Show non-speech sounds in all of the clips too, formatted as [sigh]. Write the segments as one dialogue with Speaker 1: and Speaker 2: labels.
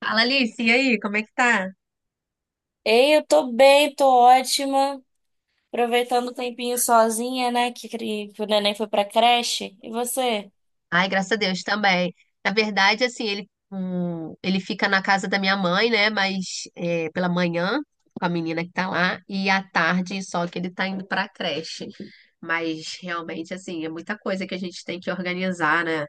Speaker 1: Fala, Alice, e aí, como é que tá?
Speaker 2: Ei, eu tô bem, tô ótima. Aproveitando o tempinho sozinha, né? Que o neném foi pra creche. E você?
Speaker 1: Ai, graças a Deus também. Na verdade, assim, ele fica na casa da minha mãe, né? Mas é, pela manhã, com a menina que tá lá, e à tarde, só que ele tá indo pra creche. Mas realmente, assim, é muita coisa que a gente tem que organizar, né?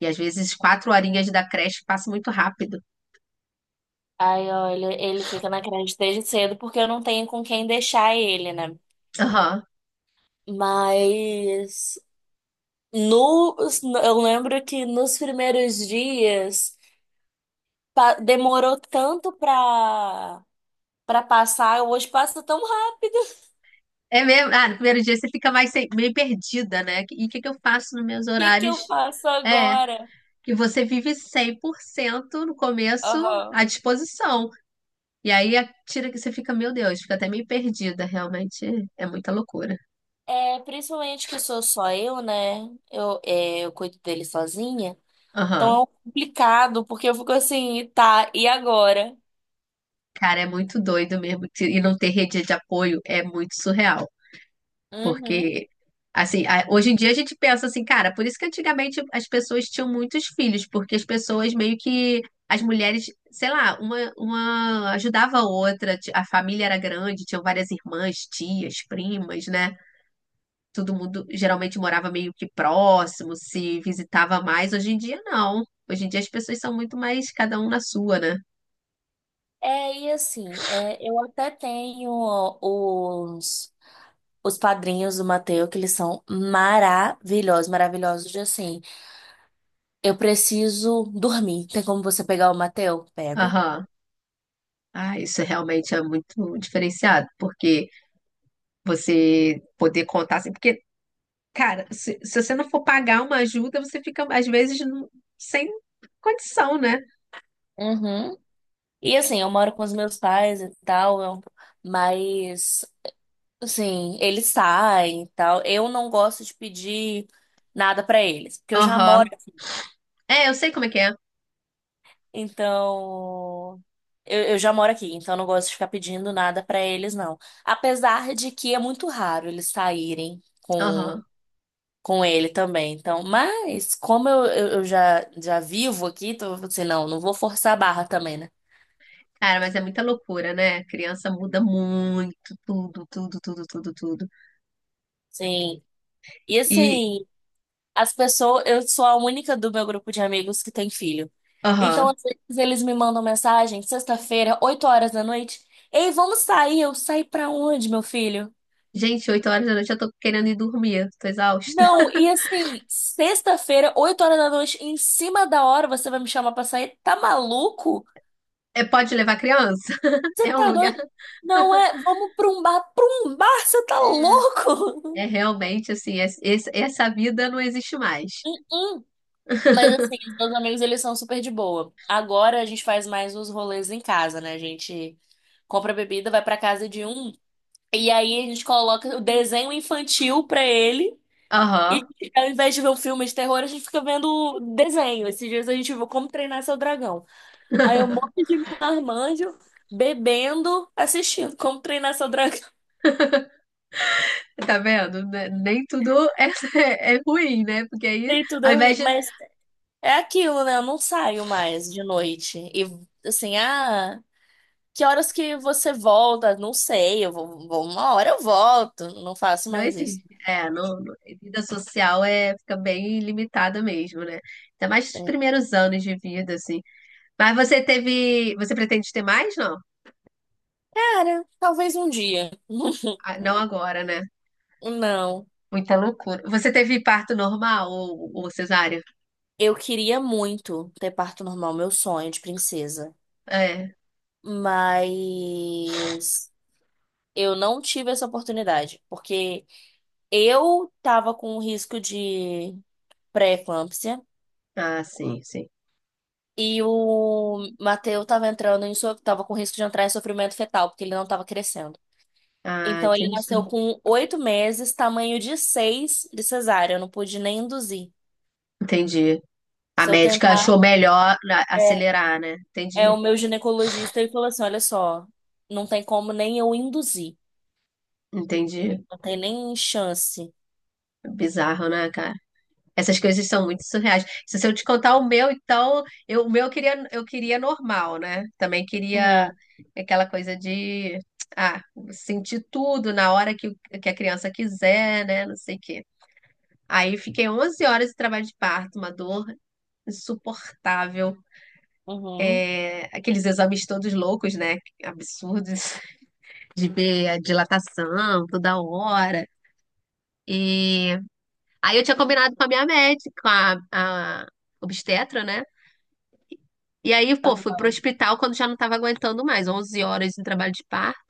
Speaker 1: E às vezes quatro horinhas da creche passam muito rápido.
Speaker 2: Ai, olha, ele fica na creche desde cedo porque eu não tenho com quem deixar ele, né?
Speaker 1: Aham.
Speaker 2: Mas no, eu lembro que nos primeiros dias demorou tanto pra passar. Hoje passa tão rápido. [laughs]
Speaker 1: É mesmo? Ah, no primeiro dia você fica mais meio perdida, né? E o que que eu faço nos meus
Speaker 2: O que que eu
Speaker 1: horários?
Speaker 2: faço
Speaker 1: É.
Speaker 2: agora?
Speaker 1: E você vive 100% no começo
Speaker 2: Aham.
Speaker 1: à disposição. E aí a tira que você fica, meu Deus, fica até meio perdida, realmente é muita loucura.
Speaker 2: É, principalmente que sou só eu, né? Eu cuido dele sozinha. Então
Speaker 1: Aham.
Speaker 2: é um complicado, porque eu fico assim, tá, e agora?
Speaker 1: Cara, é muito doido mesmo. E não ter rede de apoio é muito surreal.
Speaker 2: Uhum.
Speaker 1: Porque, assim, hoje em dia a gente pensa assim, cara, por isso que antigamente as pessoas tinham muitos filhos, porque as pessoas meio que. As mulheres, sei lá, uma ajudava a outra, a família era grande, tinham várias irmãs, tias, primas, né? Todo mundo geralmente morava meio que próximo, se visitava mais. Hoje em dia, não. Hoje em dia as pessoas são muito mais cada um na sua, né?
Speaker 2: É, e assim, eu até tenho os, os padrinhos do Mateus que eles são maravilhosos, maravilhosos de assim. Eu preciso dormir. Tem como você pegar o Mateus Pego.
Speaker 1: Aham. Ah, isso realmente é muito diferenciado, porque você poder contar assim, porque, cara, se você não for pagar uma ajuda, você fica, às vezes, não, sem condição, né?
Speaker 2: Uhum. E assim, eu moro com os meus pais e tal, mas. Sim, eles saem e tal. Eu não gosto de pedir nada pra eles, porque eu já
Speaker 1: Aham.
Speaker 2: moro,
Speaker 1: É, eu sei como é que é.
Speaker 2: então eu já moro aqui, então eu não gosto de ficar pedindo nada pra eles, não. Apesar de que é muito raro eles saírem com
Speaker 1: Aham.
Speaker 2: com ele também. Então, mas como eu já vivo aqui, então eu falei assim, não, não vou forçar a barra também, né?
Speaker 1: Cara, mas é muita loucura, né? Criança muda muito, tudo, tudo, tudo, tudo, tudo.
Speaker 2: Sim. E
Speaker 1: E,
Speaker 2: assim, as pessoas, eu sou a única do meu grupo de amigos que tem filho. Então,
Speaker 1: aham.
Speaker 2: às vezes, eles me mandam mensagem, sexta-feira, 8 horas da noite. Ei, vamos sair? Eu sair pra onde, meu filho?
Speaker 1: Gente, 8 horas da noite eu tô querendo ir dormir, tô exausta.
Speaker 2: Não,
Speaker 1: [laughs]
Speaker 2: e assim, sexta-feira, 8 horas da noite, em cima da hora, você vai me chamar pra sair? Tá maluco?
Speaker 1: É, pode levar criança? [laughs]
Speaker 2: Você
Speaker 1: É um
Speaker 2: tá
Speaker 1: lugar.
Speaker 2: doido? Não é, vamos pra um bar. Pra um bar, você tá
Speaker 1: É, é
Speaker 2: louco?
Speaker 1: realmente assim, essa vida não existe mais.
Speaker 2: [laughs] Mas assim,
Speaker 1: [laughs]
Speaker 2: os meus amigos, eles são super de boa. Agora a gente faz mais os rolês em casa, né? A gente compra bebida, vai pra casa de um, e aí a gente coloca o desenho infantil pra ele. E
Speaker 1: Aham.
Speaker 2: ao invés de ver um filme de terror, a gente fica vendo desenho. Esses dias a gente viu Como Treinar Seu Dragão. Aí um monte
Speaker 1: [laughs]
Speaker 2: de marmanjo bebendo, assistindo Como Treinar Seu Dragão. [laughs]
Speaker 1: Tá vendo? Nem tudo é, [laughs] é ruim, né? Porque aí,
Speaker 2: E tudo
Speaker 1: ao
Speaker 2: é
Speaker 1: invés
Speaker 2: ruim.
Speaker 1: de.
Speaker 2: Mas é aquilo, né? Eu não saio mais de noite. E assim, ah. Que horas que você volta? Não sei, eu uma hora eu volto, não faço
Speaker 1: Não
Speaker 2: mais isso.
Speaker 1: existe. É, não, vida social é, fica bem limitada mesmo, né? Ainda mais os
Speaker 2: É.
Speaker 1: primeiros anos de vida, assim. Mas você teve. Você pretende ter mais? Não?
Speaker 2: Cara, talvez um dia. [laughs]
Speaker 1: Ah, não agora, né?
Speaker 2: Não,
Speaker 1: Muita loucura. Você teve parto normal ou cesárea?
Speaker 2: eu queria muito ter parto normal, meu sonho de princesa,
Speaker 1: É.
Speaker 2: mas eu não tive essa oportunidade, porque eu tava com um risco de pré-eclâmpsia
Speaker 1: Ah, sim, sim.
Speaker 2: e o Mateu tava entrando em so- tava com risco de entrar em sofrimento fetal, porque ele não tava crescendo.
Speaker 1: Ah,
Speaker 2: Então ele nasceu
Speaker 1: entendi.
Speaker 2: com 8 meses, tamanho de seis de cesárea. Eu não pude nem induzir.
Speaker 1: Entendi. A
Speaker 2: Se eu
Speaker 1: médica achou
Speaker 2: tentar,
Speaker 1: melhor
Speaker 2: é,
Speaker 1: acelerar, né?
Speaker 2: é
Speaker 1: Entendi.
Speaker 2: o meu ginecologista e falou assim: olha só, não tem como nem eu induzir.
Speaker 1: Entendi.
Speaker 2: Não tem nem chance.
Speaker 1: Bizarro, né, cara? Essas coisas são muito surreais. Se eu te contar o meu, então, eu, o meu eu queria normal, né? Também queria
Speaker 2: Uhum,
Speaker 1: aquela coisa de, ah, sentir tudo na hora que, que a criança quiser, né? Não sei o quê. Aí fiquei 11 horas de trabalho de parto, uma dor insuportável.
Speaker 2: uhum.
Speaker 1: É, aqueles exames todos loucos, né? Absurdos, de ver a dilatação toda hora. E aí eu tinha combinado com a minha médica, com a obstetra, né? E aí, pô, fui pro
Speaker 2: Aham.
Speaker 1: hospital quando já não tava aguentando mais, 11 horas de trabalho de parto.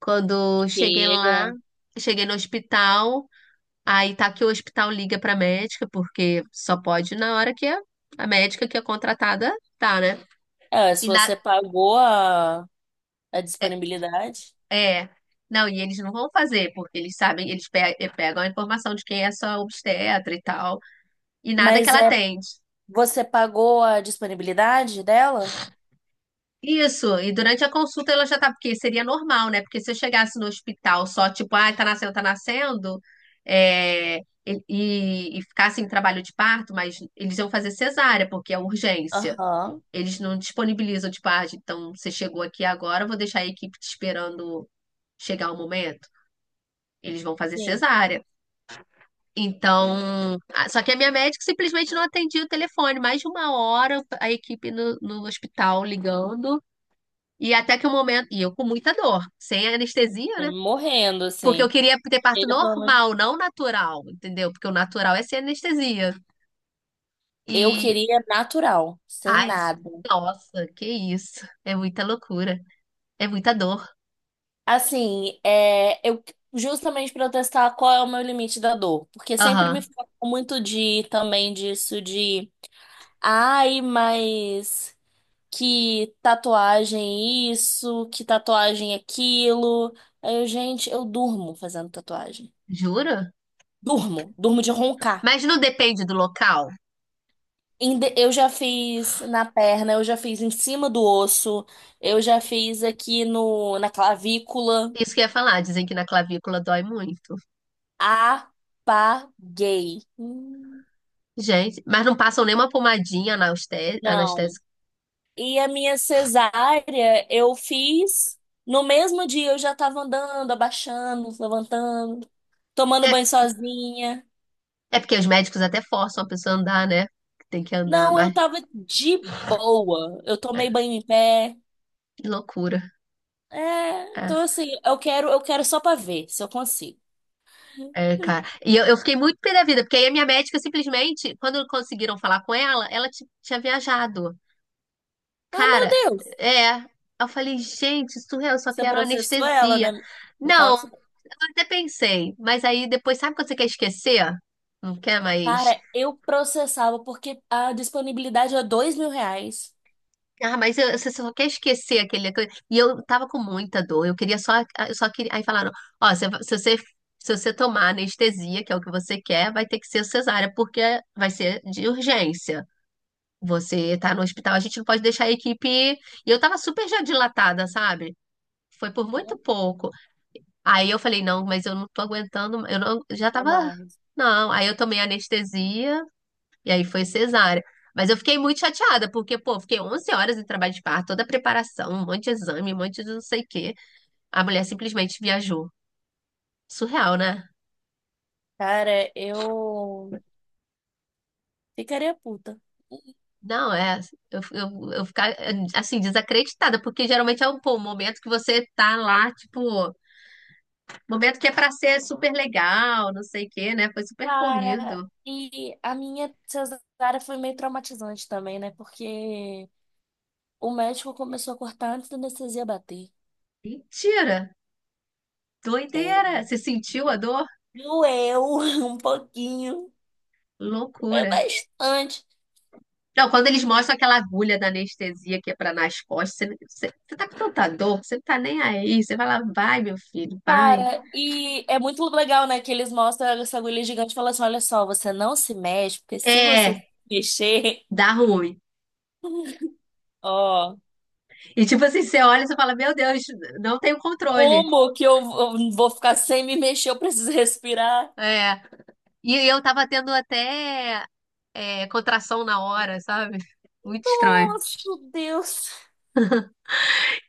Speaker 1: Quando cheguei lá,
Speaker 2: Chega.
Speaker 1: cheguei no hospital, aí tá que o hospital liga pra médica, porque só pode na hora que a médica que é contratada tá, né?
Speaker 2: É, se
Speaker 1: E na
Speaker 2: você pagou a, disponibilidade.
Speaker 1: É. Não, e eles não vão fazer, porque eles sabem, eles pegam a informação de quem é sua obstetra e tal, e nada que
Speaker 2: Mas
Speaker 1: ela
Speaker 2: é,
Speaker 1: atende.
Speaker 2: você pagou a disponibilidade dela?
Speaker 1: Isso, e durante a consulta ela já tá, porque seria normal, né? Porque se eu chegasse no hospital só, tipo, ah, tá nascendo, é, e ficasse em trabalho de parto, mas eles iam fazer cesárea, porque é urgência.
Speaker 2: Aham,
Speaker 1: Eles não disponibilizam, tipo, ah, então você chegou aqui agora, eu vou deixar a equipe te esperando chegar o momento. Eles vão fazer
Speaker 2: sim.
Speaker 1: cesárea. Então, só que a minha médica simplesmente não atendia o telefone. Mais de uma hora a equipe no, no hospital ligando. E até que o momento. E eu com muita dor, sem anestesia,
Speaker 2: É
Speaker 1: né?
Speaker 2: morrendo,
Speaker 1: Porque eu
Speaker 2: assim.
Speaker 1: queria ter parto
Speaker 2: Chega, pelo amor de-
Speaker 1: normal, não natural, entendeu? Porque o natural é sem anestesia.
Speaker 2: Eu
Speaker 1: E.
Speaker 2: queria natural, sem
Speaker 1: Ai,
Speaker 2: nada.
Speaker 1: nossa, que isso. É muita loucura. É muita dor.
Speaker 2: Assim, é, eu justamente para eu testar qual é o meu limite da dor, porque sempre me
Speaker 1: Aham.
Speaker 2: falam muito de também disso de, ai, mas que tatuagem isso, que tatuagem aquilo. Aí eu, gente, eu durmo fazendo tatuagem.
Speaker 1: Jura?
Speaker 2: Durmo, durmo de roncar.
Speaker 1: Mas não depende do local.
Speaker 2: Eu já fiz na perna, eu já fiz em cima do osso, eu já fiz aqui na clavícula.
Speaker 1: Isso que eu ia falar. Dizem que na clavícula dói muito.
Speaker 2: Apaguei.
Speaker 1: Gente, mas não passam nenhuma pomadinha
Speaker 2: Não.
Speaker 1: anestésica.
Speaker 2: E a minha cesárea eu fiz no mesmo dia, eu já tava andando, abaixando, levantando, tomando
Speaker 1: É,
Speaker 2: banho sozinha.
Speaker 1: é porque os médicos até forçam a pessoa a andar, né? Tem que andar,
Speaker 2: Não, eu
Speaker 1: mas
Speaker 2: tava de boa. Eu
Speaker 1: é,
Speaker 2: tomei banho em pé.
Speaker 1: que loucura.
Speaker 2: É,
Speaker 1: É,
Speaker 2: então assim, eu quero só pra ver se eu consigo.
Speaker 1: é, cara. E eu fiquei muito pé da vida, porque aí a minha médica simplesmente, quando conseguiram falar com ela, ela tinha viajado.
Speaker 2: Ah, meu
Speaker 1: Cara,
Speaker 2: Deus.
Speaker 1: é. Eu falei, gente, surreal, eu só
Speaker 2: Você
Speaker 1: quero
Speaker 2: processou ela,
Speaker 1: anestesia.
Speaker 2: né? Me fala
Speaker 1: Não,
Speaker 2: sobre-
Speaker 1: eu até pensei, mas aí depois, sabe quando você quer esquecer? Não quer mais.
Speaker 2: Cara, eu processava porque a disponibilidade é R$ 2.000
Speaker 1: Ah, mas eu- você só quer esquecer aquele coisa. E eu tava com muita dor. Eu queria só, ah, eu só queria. Aí falaram, ó, se você tomar anestesia, que é o que você quer, vai ter que ser cesárea, porque vai ser de urgência. Você tá no hospital, a gente não pode deixar a equipe ir. E eu tava super já dilatada, sabe? Foi por muito pouco. Aí eu falei, não, mas eu não tô aguentando, eu não, já
Speaker 2: a
Speaker 1: tava.
Speaker 2: mais.
Speaker 1: Não, aí eu tomei anestesia e aí foi cesárea. Mas eu fiquei muito chateada, porque, pô, fiquei 11 horas em trabalho de parto, toda a preparação, um monte de exame, um monte de não sei o quê. A mulher simplesmente viajou. Surreal, né?
Speaker 2: Cara, eu ficaria puta.
Speaker 1: Não, é. Eu ficar, assim, desacreditada, porque geralmente é um, pô, um momento que você tá lá, tipo, momento que é pra ser super legal, não sei o quê, né? Foi super
Speaker 2: Cara,
Speaker 1: corrido.
Speaker 2: e a minha cesárea foi meio traumatizante também, né? Porque o médico começou a cortar antes da anestesia bater.
Speaker 1: Mentira! Doideira! Você sentiu a dor?
Speaker 2: Doeu [laughs] um pouquinho, doeu
Speaker 1: Loucura.
Speaker 2: bastante.
Speaker 1: Não, quando eles mostram aquela agulha da anestesia que é pra nas costas, você tá com tanta dor, você não tá nem aí. Você vai lá vai, meu filho, vai.
Speaker 2: Cara, e é muito legal, né? Que eles mostram essa agulha gigante e falam assim: olha só, você não se mexe, porque se você se
Speaker 1: É,
Speaker 2: mexer,
Speaker 1: dá ruim.
Speaker 2: ó,
Speaker 1: E tipo assim, você olha e você fala, meu Deus, não tenho controle.
Speaker 2: como que eu vou ficar sem me mexer? Eu preciso respirar.
Speaker 1: É. E eu tava tendo até é, contração na hora, sabe? Muito estranho.
Speaker 2: Nossa, Deus.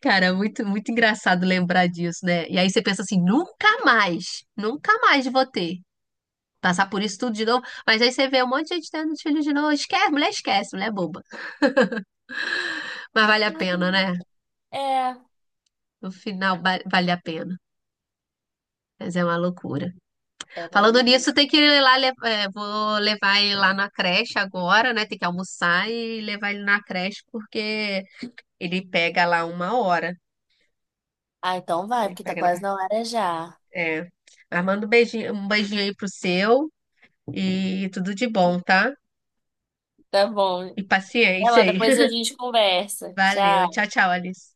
Speaker 1: Cara, muito, muito engraçado lembrar disso, né? E aí você pensa assim, nunca mais, nunca mais vou ter. Passar por isso tudo de novo. Mas aí você vê um monte de gente tendo filho de novo. Esquece, mulher é boba. Mas vale a pena, né?
Speaker 2: É,
Speaker 1: No final vale a pena. Mas é uma loucura.
Speaker 2: é uma
Speaker 1: Falando
Speaker 2: vez.
Speaker 1: nisso, tem que ir lá, é, vou levar ele lá na creche agora, né? Tem que almoçar e levar ele na creche, porque ele pega lá 1 hora.
Speaker 2: Ah, então vai,
Speaker 1: Ele
Speaker 2: porque tá
Speaker 1: pega
Speaker 2: quase na hora já.
Speaker 1: É. Mas manda um beijinho aí pro seu e tudo de bom, tá?
Speaker 2: Tá bom.
Speaker 1: E
Speaker 2: Vai
Speaker 1: paciência
Speaker 2: lá,
Speaker 1: aí.
Speaker 2: depois a
Speaker 1: [laughs]
Speaker 2: gente conversa.
Speaker 1: Valeu. Tchau,
Speaker 2: Tchau.
Speaker 1: tchau, Alice.